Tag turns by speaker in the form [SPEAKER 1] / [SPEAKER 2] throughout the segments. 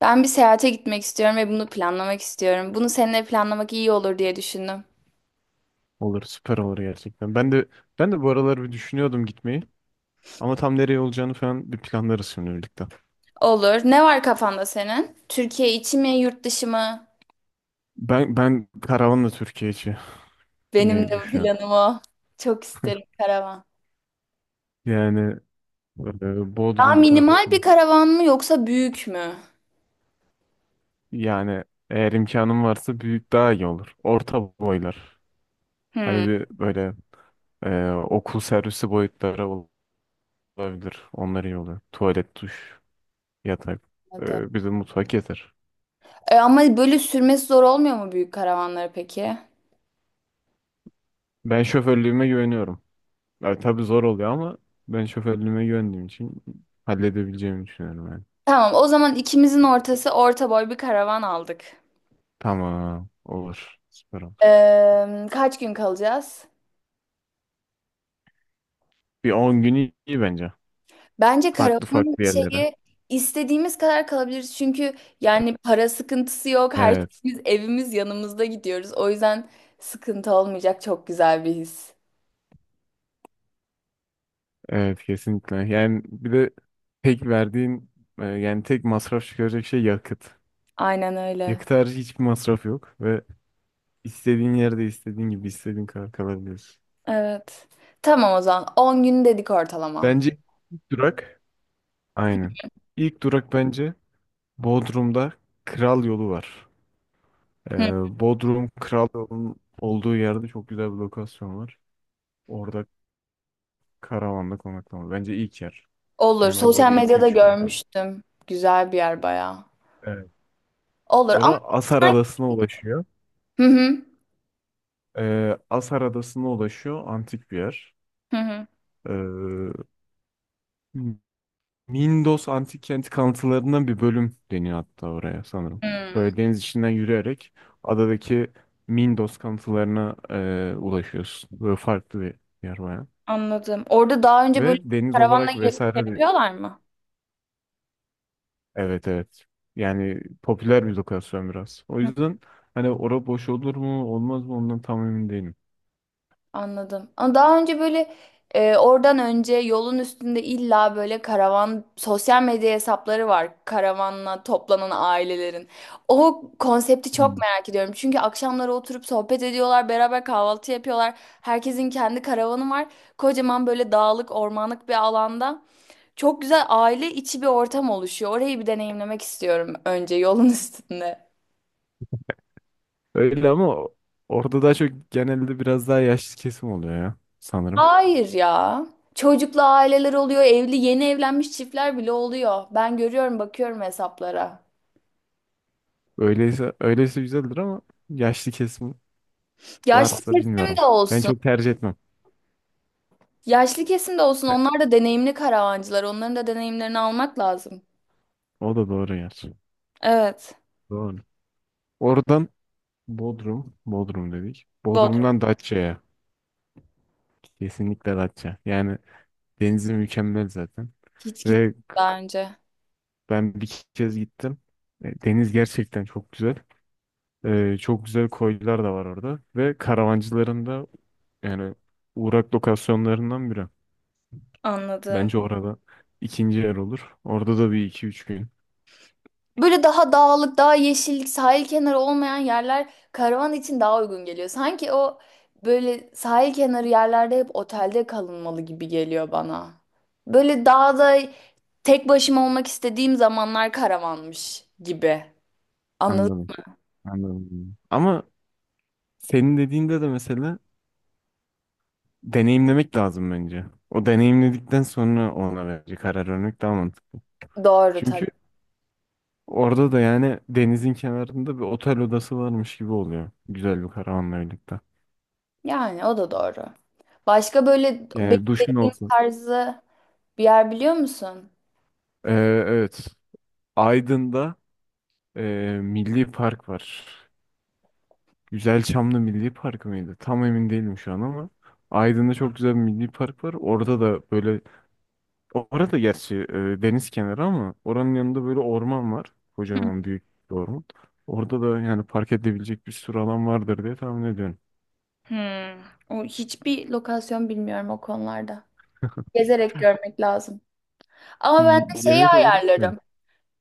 [SPEAKER 1] Ben bir seyahate gitmek istiyorum ve bunu planlamak istiyorum. Bunu seninle planlamak iyi olur diye düşündüm.
[SPEAKER 2] Olur, süper olur gerçekten. Ben de bu aralar bir düşünüyordum gitmeyi. Ama tam nereye olacağını falan bir planlarız şimdi birlikte.
[SPEAKER 1] Olur. Ne var kafanda senin? Türkiye içi mi, yurt dışı mı?
[SPEAKER 2] Ben karavanla Türkiye içi
[SPEAKER 1] Benim
[SPEAKER 2] ne
[SPEAKER 1] de
[SPEAKER 2] düşünüyorum?
[SPEAKER 1] planım o. Çok isterim karavan.
[SPEAKER 2] Yani
[SPEAKER 1] Daha
[SPEAKER 2] Bodrum tarafı.
[SPEAKER 1] minimal bir karavan mı yoksa büyük mü?
[SPEAKER 2] Yani eğer imkanım varsa büyük daha iyi olur. Orta boylar.
[SPEAKER 1] Hmm.
[SPEAKER 2] Hani bir böyle okul servisi boyutları olabilir. Onlar iyi olur. Tuvalet, duş, yatak.
[SPEAKER 1] Anladım.
[SPEAKER 2] Bir de mutfak yeter.
[SPEAKER 1] Ama böyle sürmesi zor olmuyor mu büyük karavanları peki?
[SPEAKER 2] Ben şoförlüğüme güveniyorum. Ya, tabii zor oluyor ama ben şoförlüğüme güvendiğim için halledebileceğimi düşünüyorum yani.
[SPEAKER 1] Tamam, o zaman ikimizin ortası orta boy bir karavan aldık.
[SPEAKER 2] Tamam. Olur. Süper olur.
[SPEAKER 1] Kaç gün kalacağız?
[SPEAKER 2] Bir 10 gün iyi bence.
[SPEAKER 1] Bence
[SPEAKER 2] Farklı
[SPEAKER 1] karavanın
[SPEAKER 2] farklı yerlere.
[SPEAKER 1] şeyi istediğimiz kadar kalabiliriz. Çünkü yani para sıkıntısı yok. Her
[SPEAKER 2] Evet.
[SPEAKER 1] şeyimiz evimiz yanımızda gidiyoruz. O yüzden sıkıntı olmayacak, çok güzel bir his.
[SPEAKER 2] Evet, kesinlikle. Yani bir de tek verdiğin yani tek masraf çıkaracak şey yakıt.
[SPEAKER 1] Aynen öyle.
[SPEAKER 2] Yakıt harici hiçbir masraf yok ve istediğin yerde istediğin gibi istediğin kadar kalabiliyorsun.
[SPEAKER 1] Evet. Tamam o zaman. 10 gün dedik ortalama.
[SPEAKER 2] Bence ilk durak aynen. İlk durak bence Bodrum'da Kral Yolu var.
[SPEAKER 1] Hı,
[SPEAKER 2] Bodrum Kral Yol'un olduğu yerde çok güzel bir lokasyon var. Orada karavanda konaklama. Bence ilk yer.
[SPEAKER 1] olur.
[SPEAKER 2] Yani orada
[SPEAKER 1] Sosyal
[SPEAKER 2] bir iki
[SPEAKER 1] medyada
[SPEAKER 2] üç gün.
[SPEAKER 1] görmüştüm. Güzel bir yer bayağı.
[SPEAKER 2] Evet.
[SPEAKER 1] Olur ama
[SPEAKER 2] Ora Asar
[SPEAKER 1] sen.
[SPEAKER 2] Adası'na ulaşıyor.
[SPEAKER 1] Hı hı.
[SPEAKER 2] Asar Adası'na ulaşıyor. Antik bir yer.
[SPEAKER 1] Hı hı.
[SPEAKER 2] Ee, Mindos Antik Kenti kalıntılarından bir bölüm deniyor hatta oraya sanırım.
[SPEAKER 1] Hı,
[SPEAKER 2] Böyle deniz içinden yürüyerek adadaki Mindos kalıntılarına ulaşıyorsun. Böyle farklı bir yer bayağı.
[SPEAKER 1] anladım. Orada daha önce böyle
[SPEAKER 2] Ve deniz
[SPEAKER 1] karavanla
[SPEAKER 2] olarak
[SPEAKER 1] gidip şey
[SPEAKER 2] vesaire de
[SPEAKER 1] yapıyorlar mı?
[SPEAKER 2] evet, evet. Yani popüler bir lokasyon biraz. O yüzden hani ora boş olur mu olmaz mı ondan tam emin değilim.
[SPEAKER 1] Anladım. Ama daha önce böyle oradan önce yolun üstünde illa böyle karavan sosyal medya hesapları var. Karavanla toplanan ailelerin. O konsepti çok
[SPEAKER 2] Hmm.
[SPEAKER 1] merak ediyorum. Çünkü akşamları oturup sohbet ediyorlar, beraber kahvaltı yapıyorlar. Herkesin kendi karavanı var. Kocaman böyle dağlık, ormanlık bir alanda. Çok güzel aile içi bir ortam oluşuyor. Orayı bir deneyimlemek istiyorum önce yolun üstünde.
[SPEAKER 2] Öyle ama orada daha çok genelde biraz daha yaşlı kesim oluyor ya sanırım.
[SPEAKER 1] Hayır ya. Çocuklu aileler oluyor, evli yeni evlenmiş çiftler bile oluyor. Ben görüyorum, bakıyorum hesaplara.
[SPEAKER 2] Öyleyse güzeldir ama yaşlı kesim
[SPEAKER 1] Yaşlı
[SPEAKER 2] varsa
[SPEAKER 1] kesim de
[SPEAKER 2] bilmiyorum. Ben
[SPEAKER 1] olsun.
[SPEAKER 2] çok tercih etmem.
[SPEAKER 1] Yaşlı kesim de olsun.
[SPEAKER 2] Evet,
[SPEAKER 1] Onlar da deneyimli karavancılar. Onların da deneyimlerini almak lazım.
[SPEAKER 2] o da doğru gerçi.
[SPEAKER 1] Evet.
[SPEAKER 2] Doğru. Oradan Bodrum dedik.
[SPEAKER 1] Bodrum.
[SPEAKER 2] Bodrum'dan Datça'ya. Kesinlikle Datça. Yani denizi mükemmel zaten.
[SPEAKER 1] Hiç gitmedim
[SPEAKER 2] Ve
[SPEAKER 1] daha önce.
[SPEAKER 2] ben bir kez gittim. Deniz gerçekten çok güzel. Çok güzel koylar da var orada. Ve karavancıların da yani uğrak lokasyonlarından biri.
[SPEAKER 1] Anladım.
[SPEAKER 2] Bence orada ikinci yer olur. Orada da bir iki üç gün.
[SPEAKER 1] Böyle daha dağlık, daha yeşillik, sahil kenarı olmayan yerler karavan için daha uygun geliyor. Sanki o böyle sahil kenarı yerlerde hep otelde kalınmalı gibi geliyor bana. Böyle dağda tek başıma olmak istediğim zamanlar karavanmış gibi. Anladın
[SPEAKER 2] Anladım. Anladım. Ama senin dediğinde de mesela deneyimlemek lazım bence. O deneyimledikten sonra ona bence karar vermek daha mantıklı.
[SPEAKER 1] mı? Doğru tabii.
[SPEAKER 2] Çünkü orada da yani denizin kenarında bir otel odası varmış gibi oluyor. Güzel bir karavanla birlikte.
[SPEAKER 1] Yani o da doğru. Başka böyle
[SPEAKER 2] Yani duşun
[SPEAKER 1] beklediğim
[SPEAKER 2] olsa.
[SPEAKER 1] tarzı bir yer biliyor musun?
[SPEAKER 2] Ee, evet. Aydın'da e, Milli Park var. Güzelçamlı Milli Park mıydı? Tam emin değilim şu an ama Aydın'da çok güzel bir milli park var. Orada da böyle orada gerçi deniz kenarı ama oranın yanında böyle orman var. Kocaman büyük bir orman. Orada da yani park edilebilecek bir sürü alan vardır diye tahmin ediyorum.
[SPEAKER 1] Hmm. O hiçbir lokasyon bilmiyorum o konularda. Gezerek görmek lazım. Ama ben de şeyi
[SPEAKER 2] Yemek olarak? Hı.
[SPEAKER 1] ayarlarım.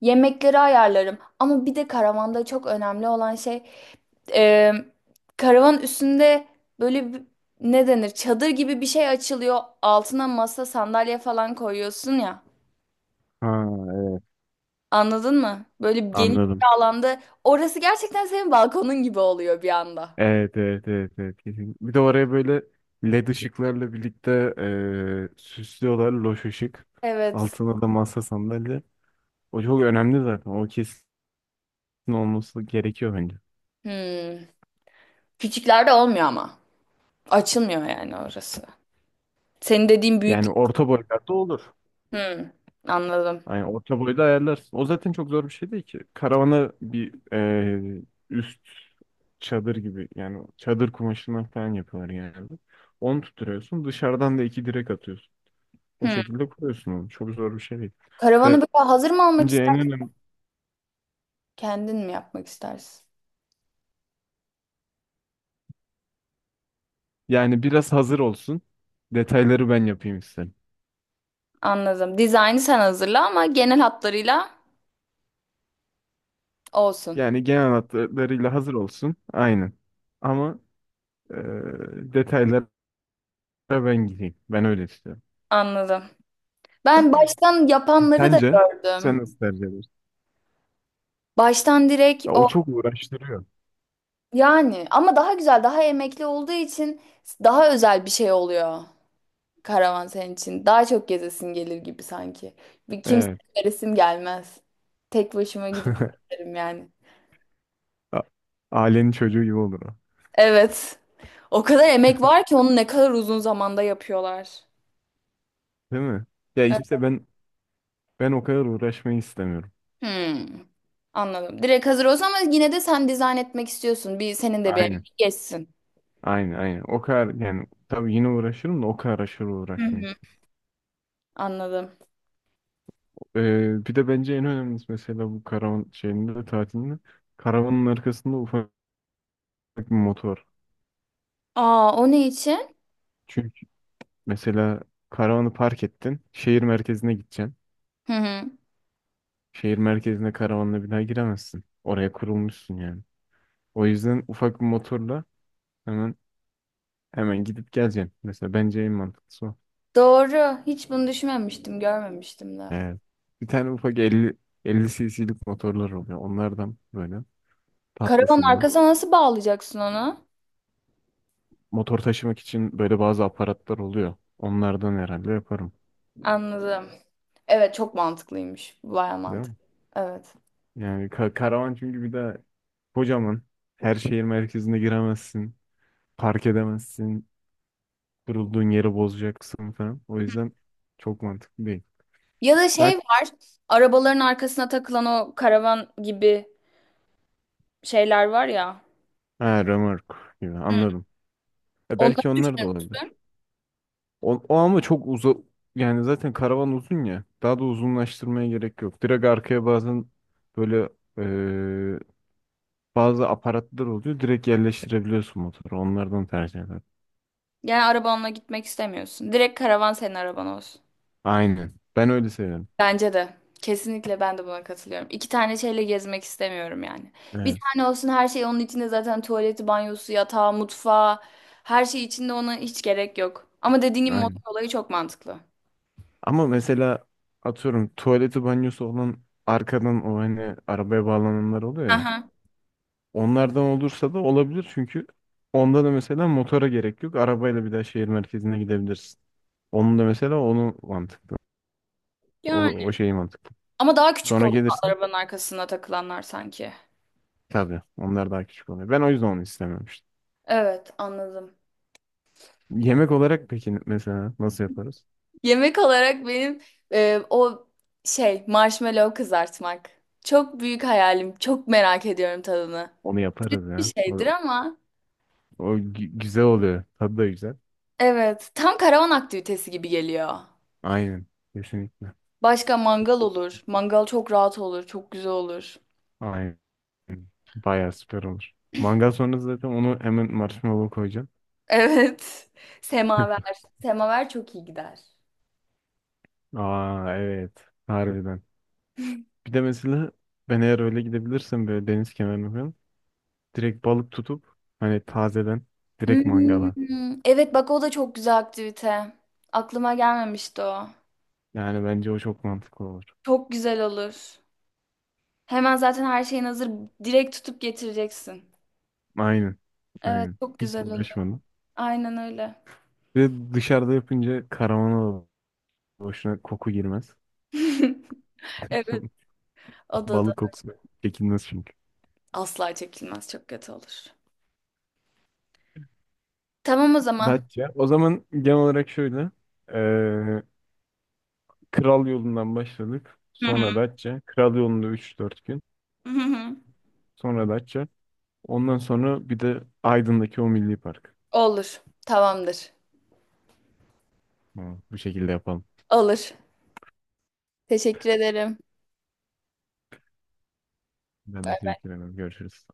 [SPEAKER 1] Yemekleri ayarlarım. Ama bir de karavanda çok önemli olan şey e, karavan üstünde böyle ne denir? Çadır gibi bir şey açılıyor. Altına masa, sandalye falan koyuyorsun ya.
[SPEAKER 2] Ha,
[SPEAKER 1] Anladın mı? Böyle geniş bir
[SPEAKER 2] anladım.
[SPEAKER 1] alanda. Orası gerçekten senin balkonun gibi oluyor bir anda.
[SPEAKER 2] Evet, evet, evet, evet, kesin. Bir de oraya böyle led ışıklarla birlikte süslüyorlar loş ışık.
[SPEAKER 1] Evet.
[SPEAKER 2] Altına da masa sandalye. O çok önemli zaten. O kesin olması gerekiyor bence.
[SPEAKER 1] Hmm. Küçüklerde olmuyor ama. Açılmıyor yani orası. Senin dediğin büyük.
[SPEAKER 2] Yani orta boylarda olur.
[SPEAKER 1] Hmm. Anladım.
[SPEAKER 2] Yani orta boyda ayarlarsın. O zaten çok zor bir şey değil ki. Karavana bir üst çadır gibi yani çadır kumaşından falan yapıyorlar genelde. Onu tutturuyorsun. Dışarıdan da iki direk atıyorsun. O
[SPEAKER 1] Hmm.
[SPEAKER 2] şekilde kuruyorsun onu. Çok zor bir şey değil.
[SPEAKER 1] Karavanı böyle hazır mı almak,
[SPEAKER 2] Bence en önemli
[SPEAKER 1] kendin mi yapmak istersin?
[SPEAKER 2] yani biraz hazır olsun. Detayları ben yapayım isterim.
[SPEAKER 1] Anladım. Dizaynı sen hazırla ama genel hatlarıyla olsun.
[SPEAKER 2] Yani genel hatlarıyla hazır olsun. Aynen. Ama e, detaylara ben gideyim. Ben öyle istiyorum.
[SPEAKER 1] Anladım. Ben baştan yapanları da
[SPEAKER 2] Sence sen
[SPEAKER 1] gördüm.
[SPEAKER 2] nasıl tercih edersin?
[SPEAKER 1] Baştan direkt
[SPEAKER 2] Ya, o
[SPEAKER 1] o
[SPEAKER 2] çok uğraştırıyor.
[SPEAKER 1] yani, ama daha güzel, daha emekli olduğu için daha özel bir şey oluyor karavan senin için. Daha çok gezesin gelir gibi sanki. Bir
[SPEAKER 2] Evet.
[SPEAKER 1] kimseye resim gelmez. Tek başıma gidip gezerim yani.
[SPEAKER 2] A- Ailenin çocuğu gibi olur o.
[SPEAKER 1] Evet. O kadar emek var ki onu ne kadar uzun zamanda yapıyorlar.
[SPEAKER 2] Değil mi? Ya
[SPEAKER 1] Evet.
[SPEAKER 2] işte ben o kadar uğraşmayı istemiyorum.
[SPEAKER 1] Hmm. Anladım. Direkt hazır olsun ama yine de sen dizayn etmek istiyorsun. Bir senin de bir emeğin
[SPEAKER 2] Aynen.
[SPEAKER 1] geçsin.
[SPEAKER 2] Aynen, aynen. O kadar yani tabii yine uğraşırım da o kadar aşırı
[SPEAKER 1] Hı
[SPEAKER 2] uğraşmayı
[SPEAKER 1] hı. Anladım.
[SPEAKER 2] Bir de bence en önemlisi mesela bu karavan şeyinde de tatilinde karavanın arkasında ufak bir motor.
[SPEAKER 1] Aa o ne için?
[SPEAKER 2] Çünkü mesela karavanı park ettin, şehir merkezine gideceksin.
[SPEAKER 1] Hı hı.
[SPEAKER 2] Şehir merkezine karavanla bir daha giremezsin. Oraya kurulmuşsun yani. O yüzden ufak bir motorla hemen hemen gidip geleceksin. Mesela bence en mantıklısı o.
[SPEAKER 1] Doğru. Hiç bunu düşünmemiştim, görmemiştim de.
[SPEAKER 2] Evet. Bir tane ufak 50 cc'lik motorlar oluyor. Onlardan böyle
[SPEAKER 1] Karavan
[SPEAKER 2] tatlısından.
[SPEAKER 1] arkasına nasıl bağlayacaksın onu?
[SPEAKER 2] Motor taşımak için böyle bazı aparatlar oluyor. Onlardan herhalde yaparım.
[SPEAKER 1] Anladım. Evet çok mantıklıymış. Baya
[SPEAKER 2] Değil mi?
[SPEAKER 1] mantıklı. Evet.
[SPEAKER 2] Yani karavan çünkü bir de kocaman. Her şehir merkezine giremezsin. Park edemezsin. Durulduğun yeri bozacaksın falan. O yüzden çok mantıklı değil.
[SPEAKER 1] Ya da
[SPEAKER 2] Daha...
[SPEAKER 1] şey var. Arabaların arkasına takılan o karavan gibi şeyler var ya.
[SPEAKER 2] Ha, römork gibi
[SPEAKER 1] Hı.
[SPEAKER 2] anladım.
[SPEAKER 1] Onları
[SPEAKER 2] Belki onlar da
[SPEAKER 1] düşünür
[SPEAKER 2] olabilir.
[SPEAKER 1] müsün?
[SPEAKER 2] O, o ama çok uza yani zaten karavan uzun ya. Daha da uzunlaştırmaya gerek yok. Direkt arkaya bazen böyle e, bazı aparatlar oluyor. Direkt yerleştirebiliyorsun motoru. Onlardan tercih ederim.
[SPEAKER 1] Yani arabanla gitmek istemiyorsun. Direkt karavan senin araban olsun.
[SPEAKER 2] Aynen. Ben öyle seviyorum.
[SPEAKER 1] Bence de. Kesinlikle ben de buna katılıyorum. İki tane şeyle gezmek istemiyorum yani. Bir
[SPEAKER 2] Evet.
[SPEAKER 1] tane olsun, her şey onun içinde zaten, tuvaleti, banyosu, yatağı, mutfağı, her şey içinde, ona hiç gerek yok. Ama dediğin gibi motor
[SPEAKER 2] Aynen.
[SPEAKER 1] olayı çok mantıklı.
[SPEAKER 2] Ama mesela atıyorum tuvaleti banyosu olan arkadan o hani arabaya bağlananlar oluyor ya.
[SPEAKER 1] Aha.
[SPEAKER 2] Onlardan olursa da olabilir çünkü onda da mesela motora gerek yok. Arabayla bir daha şehir merkezine gidebilirsin. Onun da mesela onu mantıklı. O,
[SPEAKER 1] Yani.
[SPEAKER 2] o şeyi mantıklı.
[SPEAKER 1] Ama daha küçük
[SPEAKER 2] Sonra
[SPEAKER 1] oluyor
[SPEAKER 2] gelirsin.
[SPEAKER 1] arabanın arkasına takılanlar sanki.
[SPEAKER 2] Tabii onlar daha küçük oluyor. Ben o yüzden onu istememiştim.
[SPEAKER 1] Evet anladım.
[SPEAKER 2] Yemek olarak peki mesela nasıl yaparız?
[SPEAKER 1] Yemek olarak benim e, o şey marshmallow kızartmak. Çok büyük hayalim. Çok merak ediyorum tadını.
[SPEAKER 2] Onu yaparız
[SPEAKER 1] Bir
[SPEAKER 2] ya. O,
[SPEAKER 1] şeydir ama.
[SPEAKER 2] o güzel oluyor. Tadı da güzel.
[SPEAKER 1] Evet, tam karavan aktivitesi gibi geliyor.
[SPEAKER 2] Aynen. Kesinlikle.
[SPEAKER 1] Başka mangal olur. Mangal çok rahat olur, çok güzel olur.
[SPEAKER 2] Aynen. Bayağı süper olur. Mangal sonrası zaten onu hemen marshmallow koyacağım.
[SPEAKER 1] Evet. Semaver. Semaver çok iyi gider.
[SPEAKER 2] Aa evet. Harbiden. Bir de mesela ben eğer öyle gidebilirsem böyle deniz kenarına falan direkt balık tutup hani tazeden direkt mangala.
[SPEAKER 1] Hmm, evet bak o da çok güzel aktivite. Aklıma gelmemişti o.
[SPEAKER 2] Yani bence o çok mantıklı olur.
[SPEAKER 1] Çok güzel olur. Hemen zaten her şeyin hazır. Direkt tutup getireceksin.
[SPEAKER 2] Aynen.
[SPEAKER 1] Evet
[SPEAKER 2] Aynen.
[SPEAKER 1] çok
[SPEAKER 2] Hiç
[SPEAKER 1] güzel olur.
[SPEAKER 2] uğraşmadım.
[SPEAKER 1] Aynen öyle.
[SPEAKER 2] Ve dışarıda yapınca karavana da boşuna koku girmez.
[SPEAKER 1] Evet. O da da
[SPEAKER 2] Balık kokusu çekilmez çünkü.
[SPEAKER 1] asla çekilmez. Çok kötü olur. Tamam o zaman.
[SPEAKER 2] Datça. O zaman genel olarak şöyle. Ee, Kral yolundan başladık.
[SPEAKER 1] Hı hı.
[SPEAKER 2] Sonra Datça. Kral yolunda üç dört gün.
[SPEAKER 1] Hı hı.
[SPEAKER 2] Sonra Datça. Ondan sonra bir de Aydın'daki o milli park.
[SPEAKER 1] Olur. Tamamdır.
[SPEAKER 2] Tamam, bu şekilde yapalım.
[SPEAKER 1] Olur. Teşekkür ederim.
[SPEAKER 2] Ben teşekkür ederim. Görüşürüz.